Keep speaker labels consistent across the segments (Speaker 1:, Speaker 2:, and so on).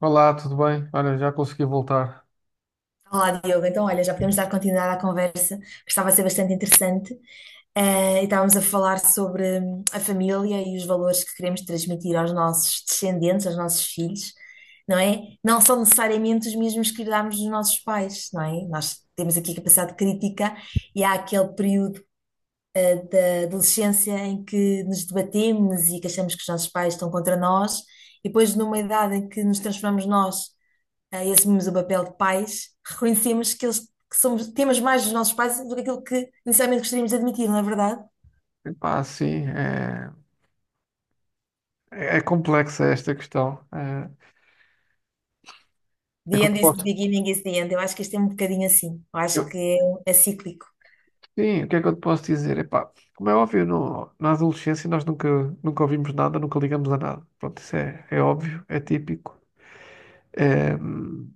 Speaker 1: Olá, tudo bem? Olha, já consegui voltar.
Speaker 2: Olá, Diogo. Então, olha, já podemos dar continuidade à conversa, que estava a ser bastante interessante. E estávamos a falar sobre a família e os valores que queremos transmitir aos nossos descendentes, aos nossos filhos, não é? Não são necessariamente os mesmos que herdámos dos nossos pais, não é? Nós temos aqui capacidade crítica e há aquele período, da adolescência em que nos debatemos e que achamos que os nossos pais estão contra nós, e depois, numa idade em que nos transformamos nós, e assumimos o papel de pais, reconhecemos que, eles, que somos, temos mais dos nossos pais do que aquilo que inicialmente gostaríamos de admitir, não é verdade?
Speaker 1: Epá, sim, é complexa esta questão. É, o que é que
Speaker 2: The
Speaker 1: eu te
Speaker 2: end is the
Speaker 1: posso,
Speaker 2: beginning is the end. Eu acho que isto é um bocadinho assim. Eu acho
Speaker 1: eu-
Speaker 2: que é, é cíclico.
Speaker 1: sim, o que é que eu te posso dizer? Epá, como é óbvio, na adolescência nós nunca, nunca ouvimos nada, nunca ligamos a nada. Pronto, é óbvio, é típico. É,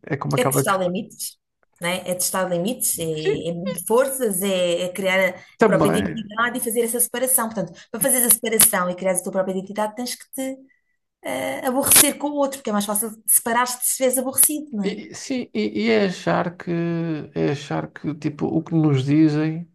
Speaker 1: é como
Speaker 2: É
Speaker 1: aquela
Speaker 2: testar
Speaker 1: questão.
Speaker 2: limites, não é? É testar limites, é,
Speaker 1: Sim,
Speaker 2: é medir forças, é, é criar a própria
Speaker 1: também.
Speaker 2: identidade e fazer essa separação. Portanto, para fazer a separação e criar a tua própria identidade, tens que te aborrecer com o outro, porque é mais fácil separar-te se estiveres aborrecido, não é?
Speaker 1: E é achar é achar que, tipo, o que nos dizem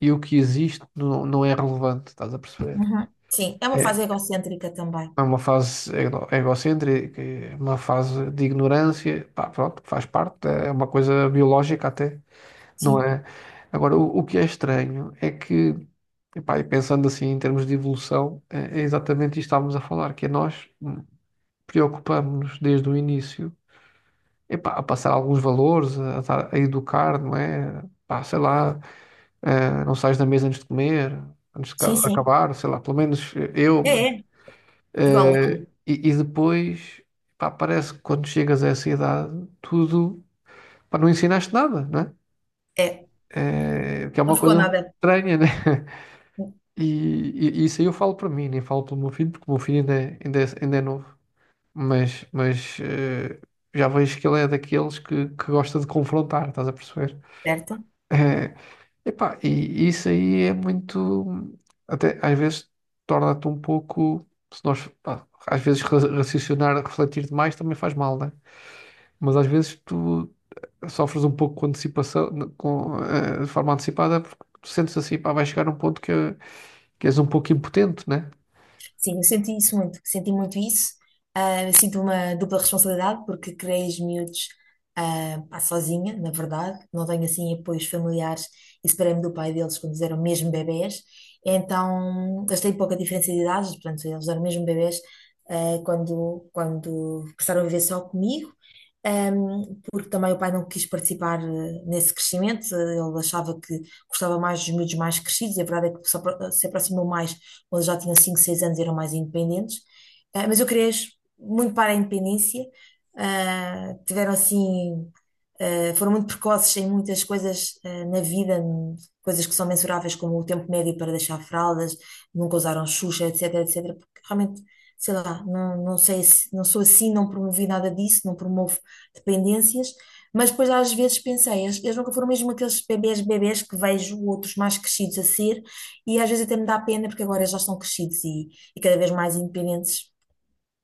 Speaker 1: e o que existe não, não é relevante, estás a perceber?
Speaker 2: Uhum. Sim, é uma
Speaker 1: É,
Speaker 2: fase egocêntrica também.
Speaker 1: É uma fase egocêntrica, é uma fase de ignorância, pá, pronto, faz parte, é uma coisa biológica até, não
Speaker 2: Sim.
Speaker 1: é? Agora, o que é estranho é que, epá, e pensando assim em termos de evolução, é exatamente isto que estávamos a falar, que é nós preocupamos-nos desde o início, epá, a passar alguns valores, a educar, não é? Pá, sei lá, não sais da mesa antes de comer, antes de
Speaker 2: Sim, sim.
Speaker 1: acabar, sei lá, pelo menos eu,
Speaker 2: É, é. Igual
Speaker 1: eh,
Speaker 2: aqui.
Speaker 1: e depois, pá, parece que quando chegas a essa idade, tudo, pá, não ensinaste nada, não é?
Speaker 2: É.
Speaker 1: Que é
Speaker 2: Não
Speaker 1: uma
Speaker 2: ficou
Speaker 1: coisa
Speaker 2: nada
Speaker 1: estranha, né? E, isso aí eu falo para mim, nem falo pelo meu filho, porque o meu filho ainda é novo. Mas já vejo que ele é daqueles que gosta de confrontar, estás a perceber?
Speaker 2: certo.
Speaker 1: Eh, e isso aí é muito. Até às vezes torna-te um pouco. Se nós, pá, às vezes raciocinar, refletir demais também faz mal, né? Mas às vezes tu sofres um pouco com antecipação, de forma antecipada, porque tu sentes assim, pá, vai chegar um ponto que és um pouco impotente, né?
Speaker 2: Sim, eu senti isso muito, senti muito isso. Ah, eu sinto uma dupla responsabilidade porque criei os miúdos, pá, sozinha, na verdade. Não tenho assim apoios familiares e separei-me do pai deles quando eles eram mesmo bebés. Então, eles têm pouca diferença de idades, portanto, eles eram mesmo bebés quando, quando passaram a viver só comigo. Porque também o pai não quis participar nesse crescimento, ele achava que gostava mais dos miúdos mais crescidos, e a verdade é que se aproximou mais ou eles já tinham 5 6 anos e eram mais independentes. Ah, mas eu criei muito para a independência. Ah, tiveram assim, foram muito precoces em muitas coisas, na vida, coisas que são mensuráveis, como o tempo médio para deixar fraldas, nunca usaram Xuxa, etc, etc, porque realmente. Sei lá, não, não sei, não sou assim, não promovi nada disso, não promovo dependências, mas depois às vezes pensei, eles nunca foram mesmo aqueles bebés bebés que vejo outros mais crescidos a ser, e às vezes até me dá pena porque agora já são crescidos e cada vez mais independentes,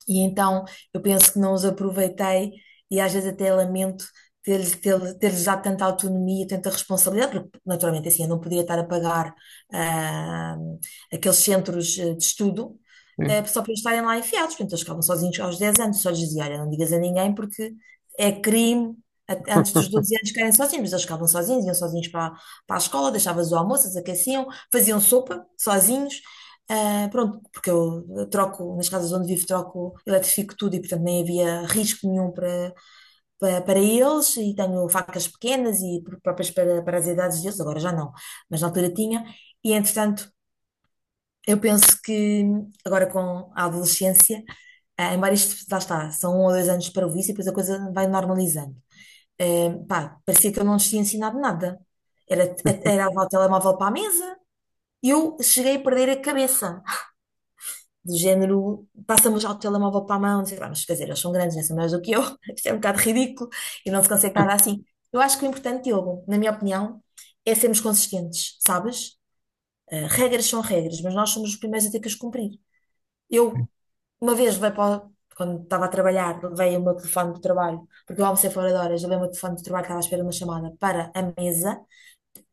Speaker 2: e então eu penso que não os aproveitei, e às vezes até lamento ter-lhes dado tanta autonomia, tanta responsabilidade, porque naturalmente assim eu não podia estar a pagar, ah, aqueles centros, de estudo,
Speaker 1: É.
Speaker 2: só para eles estarem lá enfiados. Portanto, eles ficavam sozinhos aos 10 anos, só lhes dizia, olha, não digas a ninguém porque é crime. Antes dos 12 anos ficarem sozinhos, mas eles ficavam sozinhos, iam sozinhos para a escola, deixavas o almoço, eles aqueciam, faziam sopa sozinhos. Pronto, porque eu troco, nas casas onde vivo, troco, eletrifico tudo e, portanto, nem havia risco nenhum para eles. E tenho facas pequenas e próprias para as idades deles, agora já não, mas na altura tinha. E, entretanto, eu penso que agora com a adolescência, embora isto, lá está, são 1 ou 2 anos para o vício e depois a coisa vai normalizando. Eh, pá, parecia que eu não lhes tinha ensinado nada. Era levar o telemóvel para a mesa e eu cheguei a perder a cabeça. Do género, passamos já o telemóvel para a mão, não sei lá, mas quer dizer, eles são grandes, né? São maiores do que eu, isto é um bocado ridículo e não se consegue nada assim. Eu acho que o importante, Diogo, na minha opinião, é sermos consistentes, sabes? Regras são regras, mas nós somos os primeiros a ter que as cumprir. Eu, uma vez, quando estava a trabalhar, levei o meu telefone do trabalho, porque eu almocei fora de horas, levei o meu telefone do trabalho que estava à espera de uma chamada para a mesa.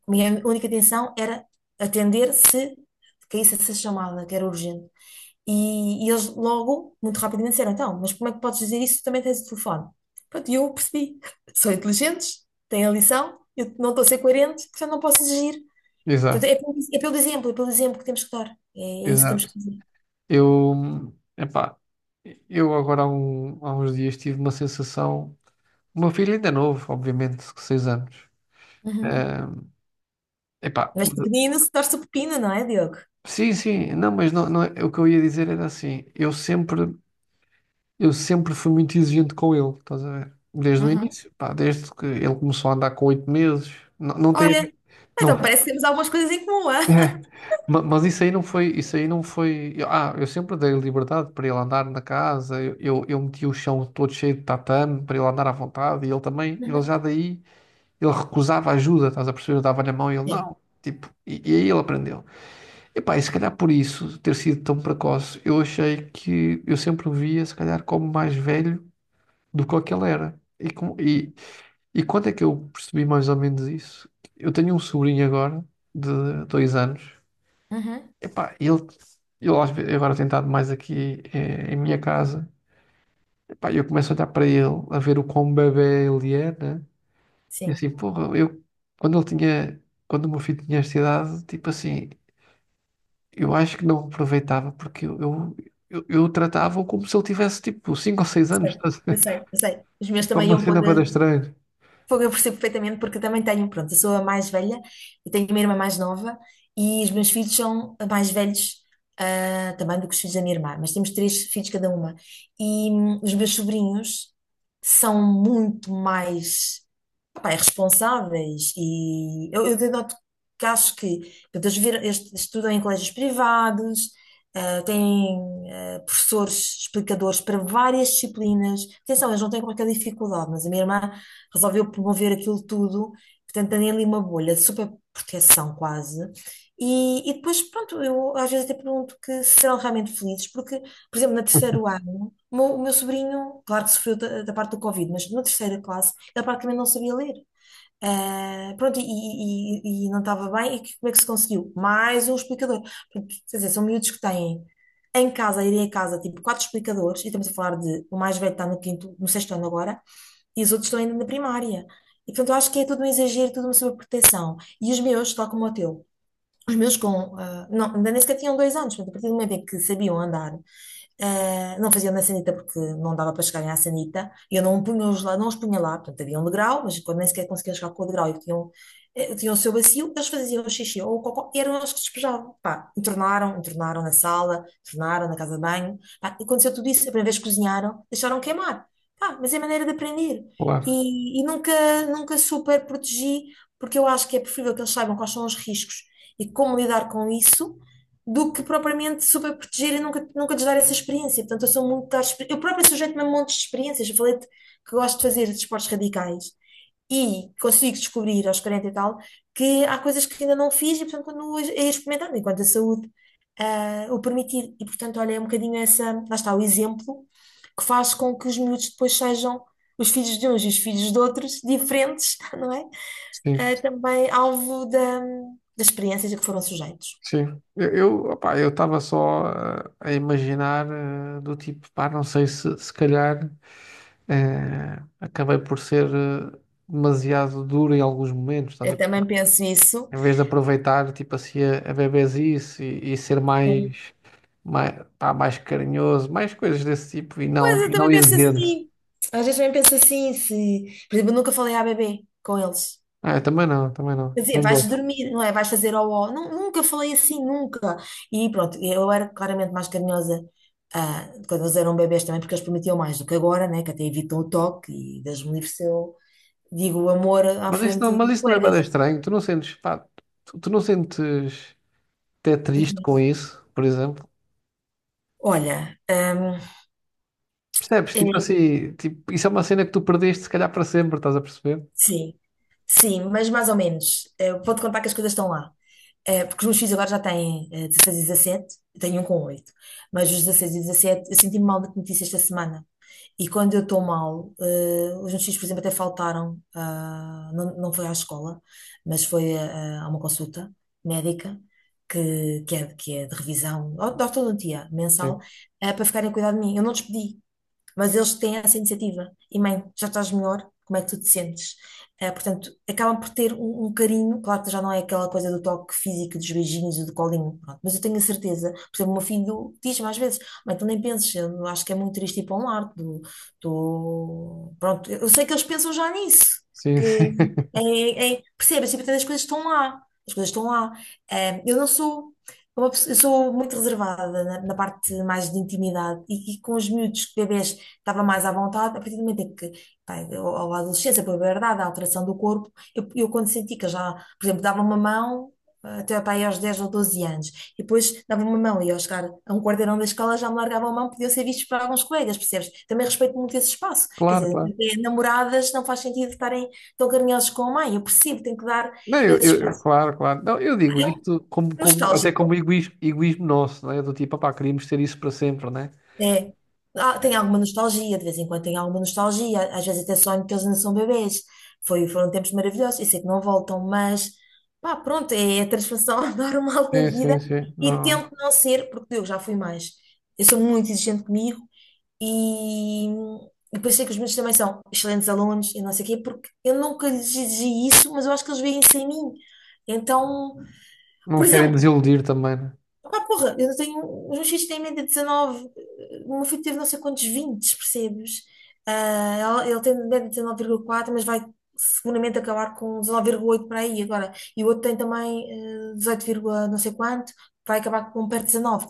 Speaker 2: Minha única intenção era atender se caísse essa chamada, que era urgente. E, eles logo, muito rapidamente, disseram: Então, mas como é que podes dizer isso? Tu também tens o telefone. Pronto, e eu percebi: são inteligentes, têm a lição, eu não estou a ser coerente, portanto não posso exigir. Portanto,
Speaker 1: Exato,
Speaker 2: é, pelo exemplo, é pelo exemplo que temos que dar. É, é isso que temos
Speaker 1: exato.
Speaker 2: que fazer.
Speaker 1: Eu, epá, eu agora há uns dias tive uma sensação. O meu filho ainda é novo, obviamente, 6 anos.
Speaker 2: Uhum.
Speaker 1: Eh, Epá,
Speaker 2: Mas pequenino se torce o pepino, não é, Diogo?
Speaker 1: sim, sim, não, mas não, não é- o que eu ia dizer era assim, eu sempre fui muito exigente com ele, estás a ver? Desde o
Speaker 2: Uhum.
Speaker 1: início, pá, desde que ele começou a andar com 8 meses, não, não tem a
Speaker 2: Olha,
Speaker 1: ver,
Speaker 2: então
Speaker 1: não,
Speaker 2: parece que temos algumas coisas em comum, ah?
Speaker 1: é, mas isso aí não foi, eu sempre dei liberdade para ele andar na casa, eu meti o chão todo cheio de tatame para ele andar à vontade, e ele também, ele
Speaker 2: Uhum.
Speaker 1: já daí, ele recusava ajuda, estás a perceber? Eu dava-lhe a mão e ele,
Speaker 2: Sim.
Speaker 1: não, tipo, e aí ele aprendeu. Epá, e se calhar por isso ter sido tão precoce, eu achei que eu sempre o via, se calhar, como mais velho do que o que ele era. E quando é que eu percebi mais ou menos isso? Eu tenho um sobrinho agora, de 2 anos.
Speaker 2: Uhum.
Speaker 1: Epá, ele às vezes, agora tem estado mais aqui em minha casa. Epá, eu começo a olhar para ele, a ver o quão bebé ele é, né? E
Speaker 2: Sim.
Speaker 1: assim, porra, eu, quando ele tinha, quando o meu filho tinha esta idade, tipo assim. Eu acho que não aproveitava porque eu tratava-o como se ele tivesse tipo 5 ou 6 anos,
Speaker 2: sei,
Speaker 1: estás a
Speaker 2: eu
Speaker 1: ver?
Speaker 2: sei, eu sei. Os meus
Speaker 1: Tipo
Speaker 2: também
Speaker 1: uma
Speaker 2: iam
Speaker 1: cena
Speaker 2: pôr
Speaker 1: para estranha.
Speaker 2: fogo, eu percebo perfeitamente, porque eu também tenho, pronto, eu sou a mais velha, eu tenho uma irmã mais nova e os meus filhos são mais velhos, também do que os filhos da minha irmã, mas temos três filhos cada uma. E os meus sobrinhos são muito mais, pá, é responsáveis. E eu denoto que acho que, portanto, eles estudam em colégios privados, têm professores explicadores para várias disciplinas. Atenção, eles não têm qualquer dificuldade, mas a minha irmã resolveu promover aquilo tudo, portanto, tem ali uma bolha de super proteção quase. E depois, pronto, eu às vezes até pergunto que se serão realmente felizes, porque, por exemplo, na terceiro ano. O meu sobrinho, claro que sofreu da parte do Covid, mas na terceira classe ele praticamente não sabia ler. Ah, pronto, e, e não estava bem. E como é que se conseguiu? Mais um explicador. Portanto, quer dizer, são miúdos que têm em casa, a irem a casa, tipo, quatro explicadores, e estamos a falar de o mais velho está no quinto, no sexto ano agora, e os outros estão ainda na primária. E portanto, eu acho que é tudo um exagero, tudo uma sobreproteção. E os meus, tal como o teu, os meus não, ainda nem sequer tinham 2 anos, portanto, a partir do momento em que sabiam andar. Não fazia na sanita porque não dava para chegarem à sanita. E Eu não os punha lá, portanto havia um degrau, mas quando nem sequer conseguiam chegar com o degrau e tinham o seu bacio, eles faziam o xixi ou o cocó, e eram eles que despejavam. Pá, entornaram, entornaram na sala, entornaram na casa de banho. Pá, e aconteceu tudo isso, a primeira vez que cozinharam, deixaram queimar. Pá, mas é maneira de aprender.
Speaker 1: Claro,
Speaker 2: E nunca, nunca super protegi, porque eu acho que é preferível que eles saibam quais são os riscos e como lidar com isso do que propriamente super proteger e nunca, nunca lhes dar essa experiência. Portanto, eu sou muito. Eu própria sujeito-me a montes de experiências. Eu falei que gosto de fazer desportos radicais e consigo descobrir aos 40 e tal que há coisas que ainda não fiz e, portanto, continuo a ir experimentando enquanto a saúde o permitir. E, portanto, olha, é um bocadinho essa. Lá está o exemplo que faz com que os miúdos depois sejam. Os filhos de uns e os filhos de outros, diferentes, não é?
Speaker 1: sim,
Speaker 2: Ah, também alvo da, das experiências a que foram sujeitos.
Speaker 1: sim. Opá, eu estava só a imaginar do tipo, pá, não sei se se calhar acabei por ser demasiado duro em alguns momentos, estás a
Speaker 2: Eu
Speaker 1: perceber?
Speaker 2: também penso isso.
Speaker 1: Em vez de aproveitar tipo assim a bebezice e ser
Speaker 2: Sim.
Speaker 1: mais, mais, pá, mais carinhoso, mais coisas desse tipo
Speaker 2: Pois eu
Speaker 1: e não
Speaker 2: também penso
Speaker 1: exigente.
Speaker 2: assim. Às vezes também penso assim, se... Por exemplo, eu nunca falei à bebê com eles.
Speaker 1: Ah, eu também não, também não.
Speaker 2: Quer dizer,
Speaker 1: Nem
Speaker 2: vais
Speaker 1: gosto.
Speaker 2: dormir, não é? Vais fazer ó ó. Nunca falei assim, nunca. E pronto, eu era claramente mais carinhosa, quando eles eram bebês também, porque eles prometiam mais do que agora, né? Que até evitam o toque e Deus me livre se eu digo o amor à frente
Speaker 1: Mas
Speaker 2: de
Speaker 1: isso não é
Speaker 2: colegas.
Speaker 1: bem estranho. Tu não sentes, pá, tu não sentes até triste
Speaker 2: Ok.
Speaker 1: com isso, por exemplo.
Speaker 2: Olha,
Speaker 1: Percebes? Tipo
Speaker 2: é,
Speaker 1: assim, tipo, isso é uma cena que tu perdeste se calhar para sempre, estás a perceber?
Speaker 2: sim, sim, mas mais ou menos. Pode contar que as coisas estão lá. Porque os meus filhos agora já têm 16 e 17, eu tenho um com oito, mas os 16 e 17 eu senti-me mal de notícia esta semana. E quando eu estou mal, os meus filhos, por exemplo, até faltaram, não, não foi à escola, mas foi a uma consulta médica, que é de revisão, de ortodontia mensal,
Speaker 1: Sim,
Speaker 2: para ficarem a cuidar de mim. Eu não despedi, mas eles têm essa iniciativa. E mãe, já estás melhor? Como é que tu te sentes? Eh, portanto, acabam por ter um carinho, claro que já não é aquela coisa do toque físico, dos beijinhos e do colinho, pronto, mas eu tenho a certeza, por exemplo, o meu filho diz-me às vezes, mãe, tu nem penses, eu acho que é muito triste ir para um lar, pronto, eu sei que eles pensam já nisso,
Speaker 1: sim,
Speaker 2: que
Speaker 1: sim.
Speaker 2: percebes, tipo, as coisas estão lá, as coisas estão lá. Eu não sou eu sou muito reservada na parte mais de intimidade e, com os miúdos, bebês estava mais à vontade, a partir do momento em que, pá, ou a adolescência, a puberdade, a alteração do corpo, eu quando senti que eu já, por exemplo, dava uma mão até pá, aí aos 10 ou 12 anos, e depois dava uma mão e ao chegar a um quarteirão da escola já me largava a mão, podiam ser vistos por alguns colegas, percebes? Também respeito muito esse espaço, quer
Speaker 1: Claro,
Speaker 2: dizer,
Speaker 1: claro.
Speaker 2: entre namoradas não faz sentido estarem tão carinhosos com a mãe, eu percebo, tenho que dar
Speaker 1: Não,
Speaker 2: esse
Speaker 1: eu-
Speaker 2: espaço.
Speaker 1: Claro, claro. Não, eu digo
Speaker 2: É um
Speaker 1: isto como, até como
Speaker 2: nostálgico.
Speaker 1: egoísmo, egoísmo nosso, não é? Do tipo, opá, queríamos ter isso para sempre, não é?
Speaker 2: É. Ah, tem alguma nostalgia, de vez em quando tem alguma nostalgia, às vezes até sonho que eles ainda são bebês. Foram tempos maravilhosos, eu sei que não voltam, mas pá, pronto, é a transformação normal da
Speaker 1: Sim,
Speaker 2: vida
Speaker 1: sim, sim.
Speaker 2: e
Speaker 1: Não,
Speaker 2: tento não ser, porque eu já fui mais. Eu sou muito exigente comigo e depois sei que os meus também são excelentes alunos e não sei o quê, porque eu nunca lhes exigi isso, mas eu acho que eles veem isso em mim. Então, por
Speaker 1: não querem
Speaker 2: exemplo,
Speaker 1: desiludir também, né?
Speaker 2: porra, eu tenho. Os meus filhos têm em média de 19. O meu filho teve não sei quantos 20, percebes? Ah, ele tem em média 19,4, mas vai seguramente acabar com 19,8 para aí agora. E o outro tem também, 18, vírgula não sei quanto, vai acabar com um perto de 19.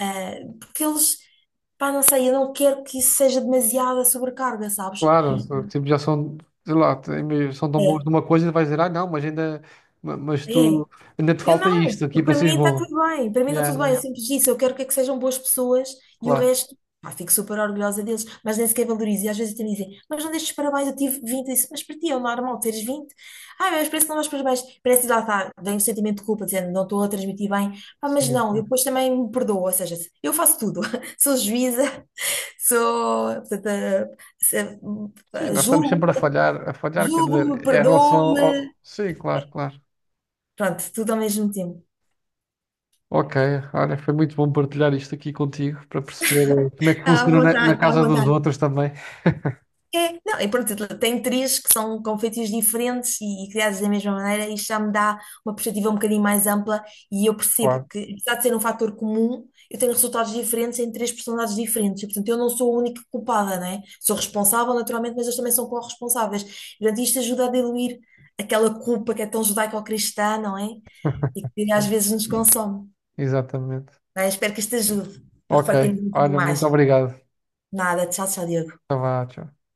Speaker 2: Ah, porque eles. Pá, não sei, eu não quero que isso seja demasiada sobrecarga, sabes?
Speaker 1: Claro, tipo, já são, sei lá, são tão bons
Speaker 2: É,
Speaker 1: numa coisa e vais dizer, ah, não, mas ainda, mas
Speaker 2: é.
Speaker 1: tu, ainda te
Speaker 2: Eu
Speaker 1: falta
Speaker 2: não,
Speaker 1: isto aqui
Speaker 2: porque
Speaker 1: para
Speaker 2: para
Speaker 1: seres
Speaker 2: mim está
Speaker 1: bom.
Speaker 2: tudo bem, para mim está
Speaker 1: Yeah,
Speaker 2: tudo bem,
Speaker 1: yeah,
Speaker 2: eu sempre disse, eu quero que é que sejam boas pessoas e o
Speaker 1: claro.
Speaker 2: resto, pá, fico super orgulhosa deles, mas nem sequer valorizo, e às vezes até me dizem, mas não deixes parabéns, eu tive 20, eu disse, mas para ti é o normal teres 20, mas parece que não dás parabéns, parece que lá está, vem um sentimento de culpa, dizendo, não estou a transmitir bem, mas
Speaker 1: Sim,
Speaker 2: não, eu
Speaker 1: sim.
Speaker 2: depois também me perdoo, ou seja, eu faço tudo, sou juíza, sou, portanto, se-
Speaker 1: Sim,
Speaker 2: eh,
Speaker 1: nós estamos
Speaker 2: julgo,
Speaker 1: sempre a falhar, quer
Speaker 2: julgo-me,
Speaker 1: dizer, é em relação
Speaker 2: perdoo-me,
Speaker 1: ao... Sim, claro, claro.
Speaker 2: pronto, tudo ao mesmo tempo.
Speaker 1: Ok, olha, foi muito bom partilhar isto aqui contigo para perceber eh, como é que
Speaker 2: Está à
Speaker 1: funciona na, na
Speaker 2: vontade, está à
Speaker 1: casa dos
Speaker 2: vontade.
Speaker 1: outros também.
Speaker 2: É, não, e pronto, tem três que são com feitios diferentes e criados da mesma maneira, e isto já me dá uma perspectiva um bocadinho mais ampla e eu percebo
Speaker 1: Claro,
Speaker 2: que, apesar de ser um fator comum, eu tenho resultados diferentes em três personalidades diferentes. E, portanto, eu não sou a única culpada, não é? Sou responsável, naturalmente, mas eles também são corresponsáveis. E, portanto, isto ajuda a diluir aquela culpa que é tão judaico-cristã, não é? E que às
Speaker 1: sim,
Speaker 2: vezes nos consome.
Speaker 1: exatamente.
Speaker 2: Bem, espero que isto ajude para
Speaker 1: Ok,
Speaker 2: refletirmos um bocadinho
Speaker 1: olha, muito
Speaker 2: mais.
Speaker 1: obrigado.
Speaker 2: Nada, tchau, tchau, Diogo.
Speaker 1: Tá vá, tchau.